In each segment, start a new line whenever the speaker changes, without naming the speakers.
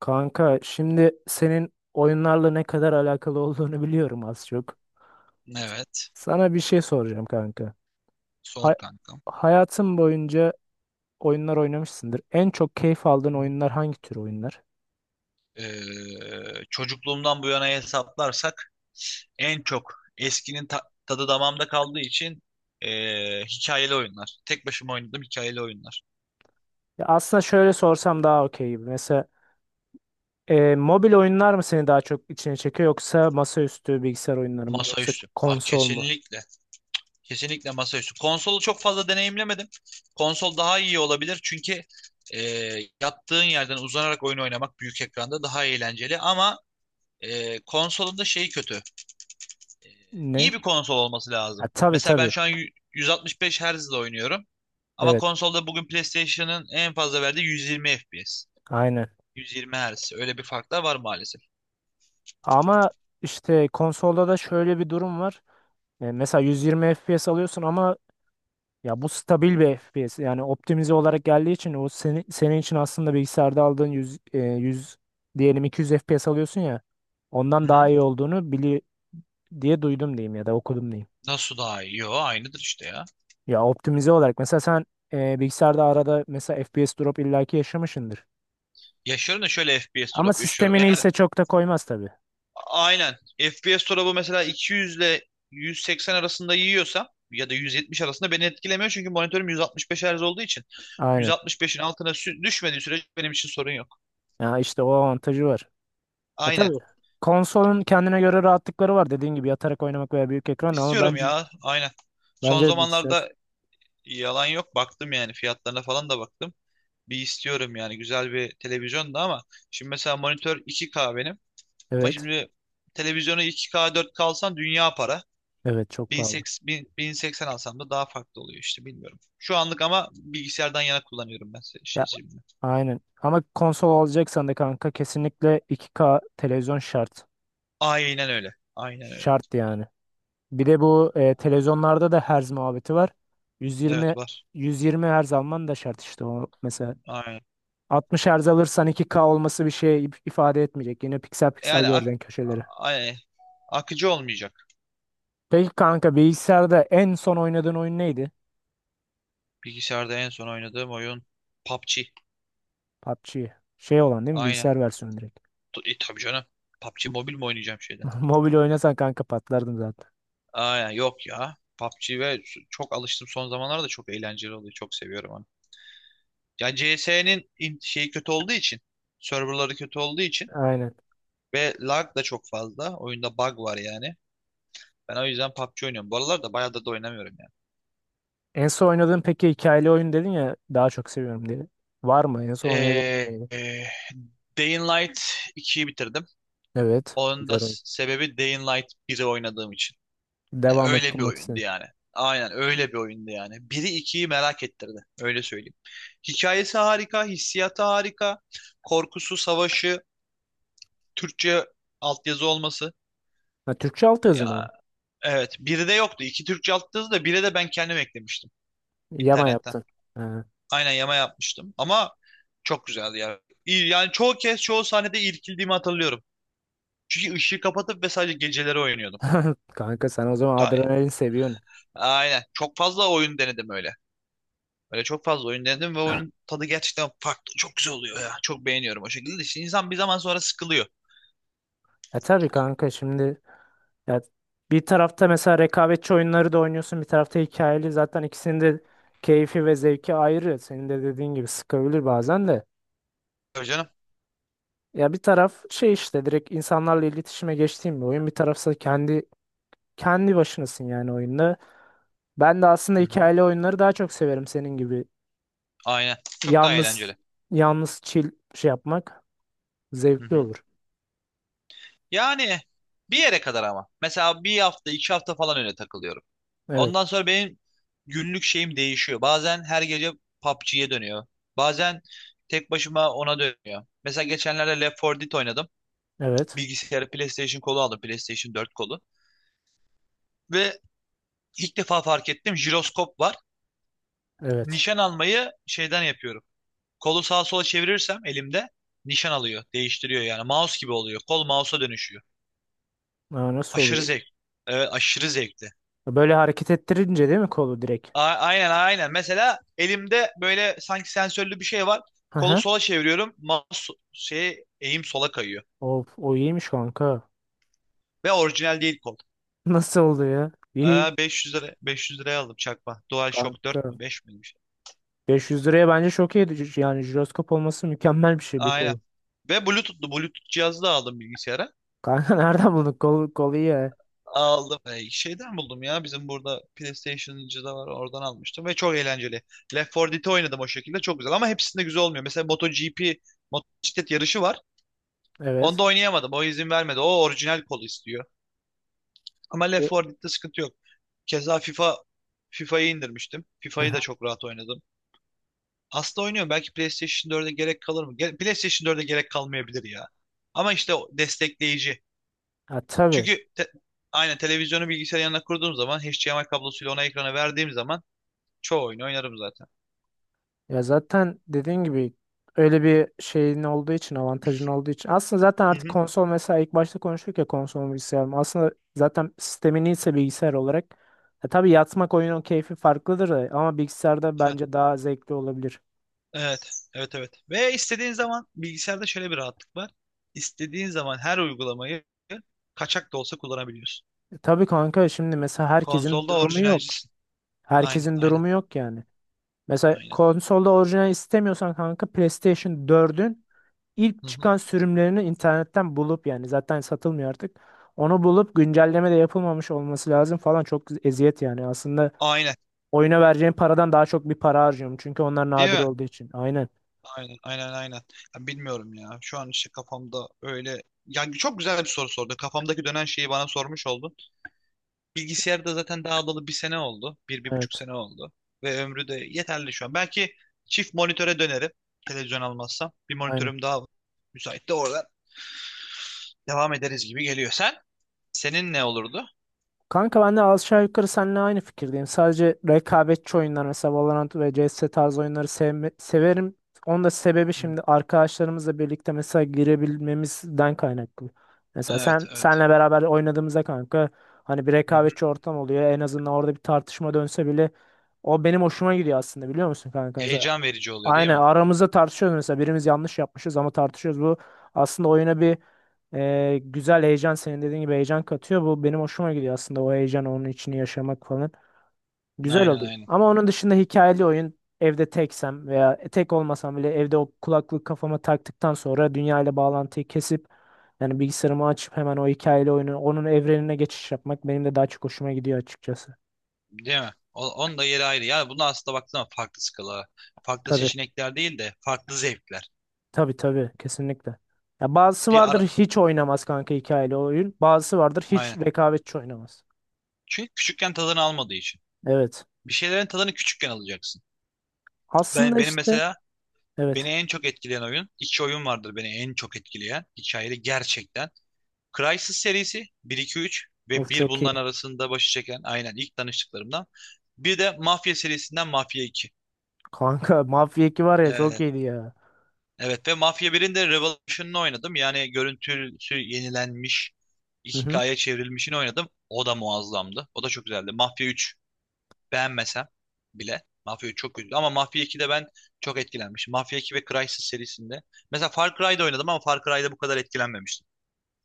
Kanka şimdi senin oyunlarla ne kadar alakalı olduğunu biliyorum az çok.
Evet.
Sana bir şey soracağım kanka. Hay-
Sor kankam.
hayatın boyunca oyunlar oynamışsındır. En çok keyif aldığın
Hı hı.
oyunlar hangi tür oyunlar?
Çocukluğumdan bu yana hesaplarsak en çok eskinin tadı damağımda kaldığı için hikayeli oyunlar. Tek başıma oynadığım hikayeli oyunlar.
Ya aslında şöyle sorsam daha okey gibi. Mesela, mobil oyunlar mı seni daha çok içine çekiyor, yoksa masaüstü bilgisayar oyunları mı, yoksa
Masaüstü. Aa,
konsol mu?
kesinlikle. Kesinlikle masaüstü. Konsolu çok fazla deneyimlemedim. Konsol daha iyi olabilir çünkü yattığın yerden uzanarak oyun oynamak büyük ekranda daha eğlenceli, ama konsolun da şeyi kötü.
Ne?
İyi bir konsol olması
Ha,
lazım.
tabii
Mesela ben
tabii.
şu an 165 Hz'de oynuyorum. Ama
Evet.
konsolda bugün PlayStation'ın en fazla verdiği 120 FPS.
Aynen.
120 Hz. Öyle bir fark da var maalesef.
Ama işte konsolda da şöyle bir durum var. Mesela 120 FPS alıyorsun ama, ya bu stabil bir FPS. Yani optimize olarak geldiği için o seni, senin için aslında bilgisayarda aldığın 100, diyelim 200 FPS alıyorsun ya.
Hı
Ondan daha
hı.
iyi olduğunu diye duydum diyeyim, ya da okudum diyeyim.
Nasıl daha iyi? Yo, aynıdır işte ya.
Ya optimize olarak mesela sen, bilgisayarda arada mesela FPS drop illaki yaşamışsındır.
Yaşıyorum da şöyle FPS
Ama
drop yaşıyorum.
sistemini
Eğer
ise çok da koymaz tabii.
aynen FPS drop'u mesela 200 ile 180 arasında yiyorsam ya da 170 arasında, beni etkilemiyor çünkü monitörüm 165 Hz olduğu için
Aynen.
165'in altına düşmediği sürece benim için sorun yok.
Ya işte o avantajı var. Ha
Aynen.
tabii. Konsolun kendine göre rahatlıkları var, dediğin gibi yatarak oynamak veya büyük ekran, ama
İstiyorum
bence
ya. Aynen. Son
bence bilgisayar.
zamanlarda, yalan yok, baktım yani. Fiyatlarına falan da baktım. Bir istiyorum yani, güzel bir televizyon da, ama şimdi mesela monitör 2K benim. Ama
Evet,
şimdi televizyonu 2K 4K alsan dünya para.
evet, çok pahalı.
1080, 1000 1080 alsam da daha farklı oluyor işte, bilmiyorum. Şu anlık ama bilgisayardan yana kullanıyorum ben.
Aynen. Ama konsol alacaksan da kanka kesinlikle 2K televizyon şart.
Aynen öyle. Aynen öyle.
Şart yani. Bir de bu, televizyonlarda da herz muhabbeti var. 120
Evet, var.
120 herz alman da şart işte, o mesela.
Aynen.
60 herz alırsan 2K olması bir şey ifade etmeyecek. Yine piksel piksel
Yani
göreceksin köşeleri.
ay- akıcı olmayacak.
Peki kanka, bilgisayarda en son oynadığın oyun neydi?
Bilgisayarda en son oynadığım oyun PUBG.
PUBG. Şey olan değil mi?
Aynen.
Bilgisayar versiyonu direkt.
Tabii canım. PUBG Mobile mi oynayacağım şeyden?
Mobil oynasan kanka patlardım zaten.
Aa, yok ya. PUBG çok alıştım son zamanlarda, çok eğlenceli oluyor. Çok seviyorum onu. Ya, CS'nin şeyi kötü olduğu için, serverları kötü olduğu için
Aynen.
ve lag da çok fazla. Oyunda bug var yani. Ben o yüzden PUBG oynuyorum. Bu aralar da bayağı da oynamıyorum yani.
En son oynadığın peki hikayeli oyun dedin ya, daha çok seviyorum diye. Var mı, en son oynadığın
Ee,
neydi?
e, Day in Light 2'yi bitirdim.
Evet.
Onun da
Güzel oyun.
sebebi Day in Light 1'i oynadığım için. Yani
Devam
öyle bir
ettirmek
oyundu
istedim.
yani. Aynen, öyle bir oyundu yani. Biri ikiyi merak ettirdi. Öyle söyleyeyim. Hikayesi harika, hissiyatı harika. Korkusu, savaşı, Türkçe altyazı olması.
Ha, Türkçe alt yazı mı o?
Ya evet, biri de yoktu. İki Türkçe altyazı da, biri de ben kendim eklemiştim
Yama
internetten.
yaptın. Ha.
Aynen, yama yapmıştım ama çok güzeldi ya. Yani çoğu kez, çoğu sahnede irkildiğimi hatırlıyorum. Çünkü ışığı kapatıp ve sadece geceleri oynuyordum.
Kanka sen o zaman
Ta-
adrenalin seviyorsun.
Aynen. Çok fazla oyun denedim öyle. Böyle çok fazla oyun denedim ve oyunun tadı gerçekten farklı. Çok güzel oluyor ya. Çok beğeniyorum o şekilde. İşte insan bir zaman sonra sıkılıyor.
E tabii kanka şimdi, ya bir tarafta mesela rekabetçi oyunları da oynuyorsun, bir tarafta hikayeli, zaten ikisinin de keyfi ve zevki ayrı. Senin de dediğin gibi sıkabilir bazen de.
Tabii canım.
Ya bir taraf şey işte, direkt insanlarla iletişime geçtiğim bir oyun, bir tarafsa kendi başınasın yani oyunda. Ben de aslında
Hı hı.
hikayeli oyunları daha çok severim senin gibi.
Aynen. Çok daha
Yalnız
eğlenceli.
yalnız chill şey yapmak
Hı
zevkli
hı.
olur.
Yani bir yere kadar ama. Mesela bir hafta, iki hafta falan öyle takılıyorum.
Evet.
Ondan sonra benim günlük şeyim değişiyor. Bazen her gece PUBG'ye dönüyor. Bazen tek başıma ona dönüyor. Mesela geçenlerde Left 4 Dead oynadım.
Evet.
Bilgisayarı PlayStation kolu aldım. PlayStation 4 kolu. Ve ilk defa fark ettim. Jiroskop var.
Evet.
Nişan almayı şeyden yapıyorum. Kolu sağa sola çevirirsem elimde nişan alıyor. Değiştiriyor yani. Mouse gibi oluyor. Kol mouse'a dönüşüyor.
Aa, nasıl
Aşırı
oluyor?
zevk. Evet, aşırı zevkli.
Böyle hareket ettirince değil mi kolu direkt?
Aynen aynen. Mesela elimde böyle sanki sensörlü bir şey var.
Hı
Kolu
hı.
sola çeviriyorum. Mouse eğim sola kayıyor.
Of, o iyiymiş kanka.
Ve orijinal değil kol.
Nasıl oldu ya? İyi
Aa, 500 lira, 500 liraya aldım çakma. DualShock 4
kanka.
mü 5 mi?
500 liraya bence çok iyi. Yani jiroskop olması mükemmel bir şey bir
Aynen.
kolu.
Ve Bluetooth'lu, Bluetooth cihazı da aldım bilgisayara.
Kanka nereden buldun? Kolu iyi ya.
Aldım. Şeyden buldum ya. Bizim burada PlayStation'cı da var. Oradan almıştım ve çok eğlenceli. Left 4 Dead'i oynadım o şekilde. Çok güzel ama hepsinde güzel olmuyor. Mesela MotoGP, motosiklet yarışı var.
Evet.
Onda oynayamadım. O izin vermedi. O orijinal kolu istiyor. Ama Left
E,
4 Dead'de sıkıntı yok. Keza FIFA'yı indirmiştim. FIFA'yı da
hı.
çok rahat oynadım. Aslında oynuyorum. Belki PlayStation 4'e gerek kalır mı? PlayStation 4'e gerek kalmayabilir ya. Ama işte o destekleyici.
Ha, tabii.
Çünkü aynen televizyonu bilgisayarın yanına kurduğum zaman, HDMI kablosuyla ona, ekrana verdiğim zaman çoğu oyunu oynarım zaten.
Ya zaten dediğin gibi öyle bir şeyin olduğu için, avantajın olduğu için. Aslında zaten
Hı
artık
hı.
konsol, mesela ilk başta konuştuk ya, konsol mu bilgisayar mı? Aslında zaten sistemin ise bilgisayar olarak. E tabii yatmak, oyunun keyfi farklıdır da, ama bilgisayarda
Heh,
bence daha zevkli olabilir.
evet, evet, evet. Ve istediğin zaman bilgisayarda şöyle bir rahatlık var. İstediğin zaman her uygulamayı kaçak da olsa kullanabiliyorsun.
E tabii kanka, şimdi mesela herkesin
Konsolda
durumu yok.
orijinalcisin. Aynen,
Herkesin
aynen,
durumu yok yani. Mesela
aynen.
konsolda orijinal istemiyorsan kanka, PlayStation 4'ün İlk
Hı hı.
çıkan sürümlerini internetten bulup, yani zaten satılmıyor artık. Onu bulup güncelleme de yapılmamış olması lazım falan, çok eziyet yani. Aslında
Aynen,
oyuna vereceğim paradan daha çok bir para harcıyorum. Çünkü onlar
değil
nadir
mi?
olduğu için. Aynen.
Aynen, aynen, aynen. Ya, bilmiyorum ya. Şu an işte kafamda öyle... Yani çok güzel bir soru sordu. Kafamdaki dönen şeyi bana sormuş oldun. Bilgisayarda zaten daha alalı bir sene oldu. Bir, bir buçuk
Evet.
sene oldu. Ve ömrü de yeterli şu an. Belki çift monitöre dönerim. Televizyon almazsam. Bir
Aynen.
monitörüm daha var. Müsait de oradan devam ederiz gibi geliyor. Sen? Senin ne olurdu?
Kanka ben de aşağı yukarı seninle aynı fikirdeyim. Sadece rekabetçi oyunlar, mesela Valorant ve CS tarzı oyunları severim. Onun da sebebi,
Hı.
şimdi arkadaşlarımızla birlikte mesela girebilmemizden kaynaklı. Mesela
Evet,
sen
evet.
senle beraber oynadığımızda kanka, hani bir
Hı hı.
rekabetçi ortam oluyor. En azından orada bir tartışma dönse bile o benim hoşuma gidiyor aslında, biliyor musun kanka, mesela.
Heyecan verici oluyor değil
Aynen,
mi?
aramızda tartışıyoruz mesela, birimiz yanlış yapmışız ama tartışıyoruz. Bu aslında oyuna bir, güzel heyecan, senin dediğin gibi heyecan katıyor. Bu benim hoşuma gidiyor aslında, o heyecan, onun içini yaşamak falan. Güzel
Aynen,
oluyor.
aynen.
Ama onun dışında hikayeli oyun, evde teksem veya tek olmasam bile evde o kulaklık kafama taktıktan sonra dünya ile bağlantıyı kesip, yani bilgisayarımı açıp hemen o hikayeli oyunu, onun evrenine geçiş yapmak benim de daha çok hoşuma gidiyor açıkçası.
Değil mi? Onun da yeri ayrı. Yani bunu aslında baktığında farklı skala. Farklı
Tabii
seçenekler değil de farklı zevkler.
tabii tabii, kesinlikle. Ya bazısı
Bir
vardır
ara...
hiç oynamaz kanka hikayeli oyun. Bazısı vardır hiç
Aynen.
rekabetçi oynamaz.
Çünkü küçükken tadını almadığı için.
Evet.
Bir şeylerin tadını küçükken alacaksın.
Aslında
Benim
işte,
mesela beni
evet.
en çok etkileyen oyun, iki oyun vardır beni en çok etkileyen hikayeli gerçekten. Crysis serisi bir 2 3 ve
Of
bir
çok iyi.
bundan arasında başı çeken aynen, ilk tanıştıklarımdan. Bir de Mafya serisinden Mafya 2.
Kanka Mafya 2 var ya, çok
Evet,
iyiydi ya.
evet ve Mafya 1'in de Revolution'ını oynadım. Yani görüntüsü yenilenmiş,
Hı hı.
2K'ya çevrilmişini oynadım. O da muazzamdı. O da çok güzeldi. Mafya 3. Beğenmesem bile. Mafya 3 çok kötü. Ama Mafya 2'de ben çok etkilenmişim. Mafya 2 ve Crysis serisinde. Mesela Far Cry'da oynadım ama Far Cry'da bu kadar etkilenmemiştim.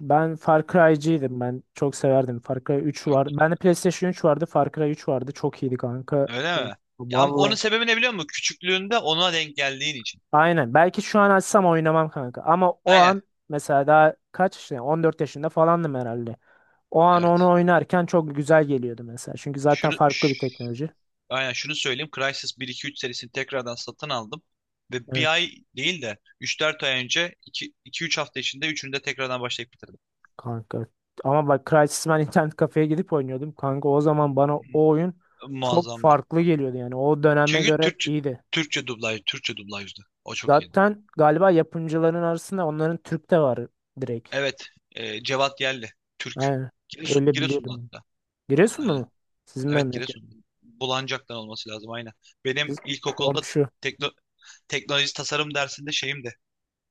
Ben Far Cry'ciydim. Ben çok severdim. Far Cry 3
Yok.
vardı. Bende PlayStation 3 vardı. Far Cry 3 vardı. Çok iyiydi kanka.
Öyle
Of,
mi? Ya, ama onun
vallahi.
sebebi ne biliyor musun? Küçüklüğünde ona denk geldiğin için.
Aynen. Belki şu an açsam oynamam kanka. Ama o
Aynen.
an, mesela daha kaç yaşında? 14 yaşında falandım herhalde. O an onu
Evet.
oynarken çok güzel geliyordu mesela. Çünkü zaten
Şunu
farklı
ş-
bir teknoloji.
Aynen şunu söyleyeyim. Crysis bir iki üç serisini tekrardan satın aldım. Ve bir
Evet.
ay değil de üç dört ay önce, iki üç hafta içinde üçünü de tekrardan başlayıp bitirdim.
Kanka. Ama bak Crysis, ben internet kafeye gidip oynuyordum. Kanka, o zaman bana o oyun çok
Muazzamdı.
farklı geliyordu yani. O döneme
Çünkü
göre iyiydi.
Türkçe dublaj, Türkçe dublajdı. O çok iyiydi.
Zaten galiba yapımcıların arasında onların, Türk de var direkt.
Evet. Cevat Yelli. Türk.
Aynen.
Giresun,
Öyle
Giresunlu
biliyordum.
hatta.
Giresunlu
Aynen.
mu? Sizin
Evet,
memleket.
Giresunlu. Bulancak'tan olması lazım, aynen. Benim
Siz
ilkokulda
komşu.
tekno, teknoloji tasarım dersinde şeyim de,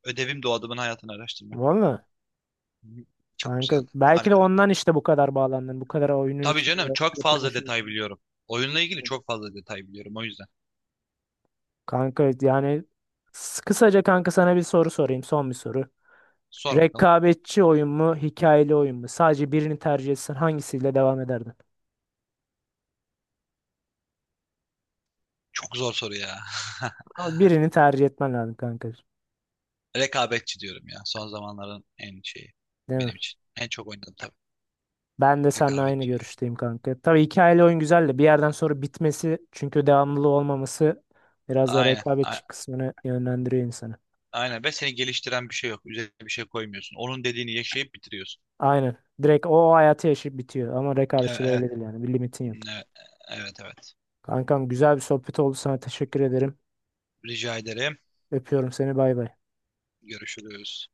ödevim de o adamın hayatını araştırmak.
Valla.
Hı. Çok
Kanka
güzeldi.
belki de
Harikaydı.
ondan işte bu kadar bağlandın. Bu kadar oyunun
Tabii canım,
içinde,
çok
yapım
fazla detay
aşamasında.
biliyorum. Oyunla ilgili çok fazla detay biliyorum o yüzden.
Kanka yani, kısaca kanka sana bir soru sorayım. Son bir soru.
Sor bakalım.
Rekabetçi oyun mu, hikayeli oyun mu? Sadece birini tercih etsen hangisiyle devam ederdin?
Çok zor soru ya.
Ama birini tercih etmen lazım kanka.
Rekabetçi diyorum ya. Son zamanların en şeyi
Değil mi?
benim için. En çok oynadım tabii.
Ben de seninle aynı
Rekabetçi yani.
görüşteyim kanka. Tabii hikayeli oyun güzel de, bir yerden sonra bitmesi, çünkü devamlılığı olmaması biraz da
Aynen.
rekabetçi kısmını yönlendiriyor insanı.
Aynen ve seni geliştiren bir şey yok. Üzerine bir şey koymuyorsun. Onun dediğini yaşayıp bitiriyorsun.
Aynen. Direkt o hayatı yaşayıp bitiyor. Ama
E,
rekabetçi de
e,
öyle değil yani. Bir limitin yok.
e, Evet, evet.
Kankam güzel bir sohbet oldu. Sana teşekkür ederim.
Rica ederim.
Öpüyorum seni. Bay bay.
Görüşürüz.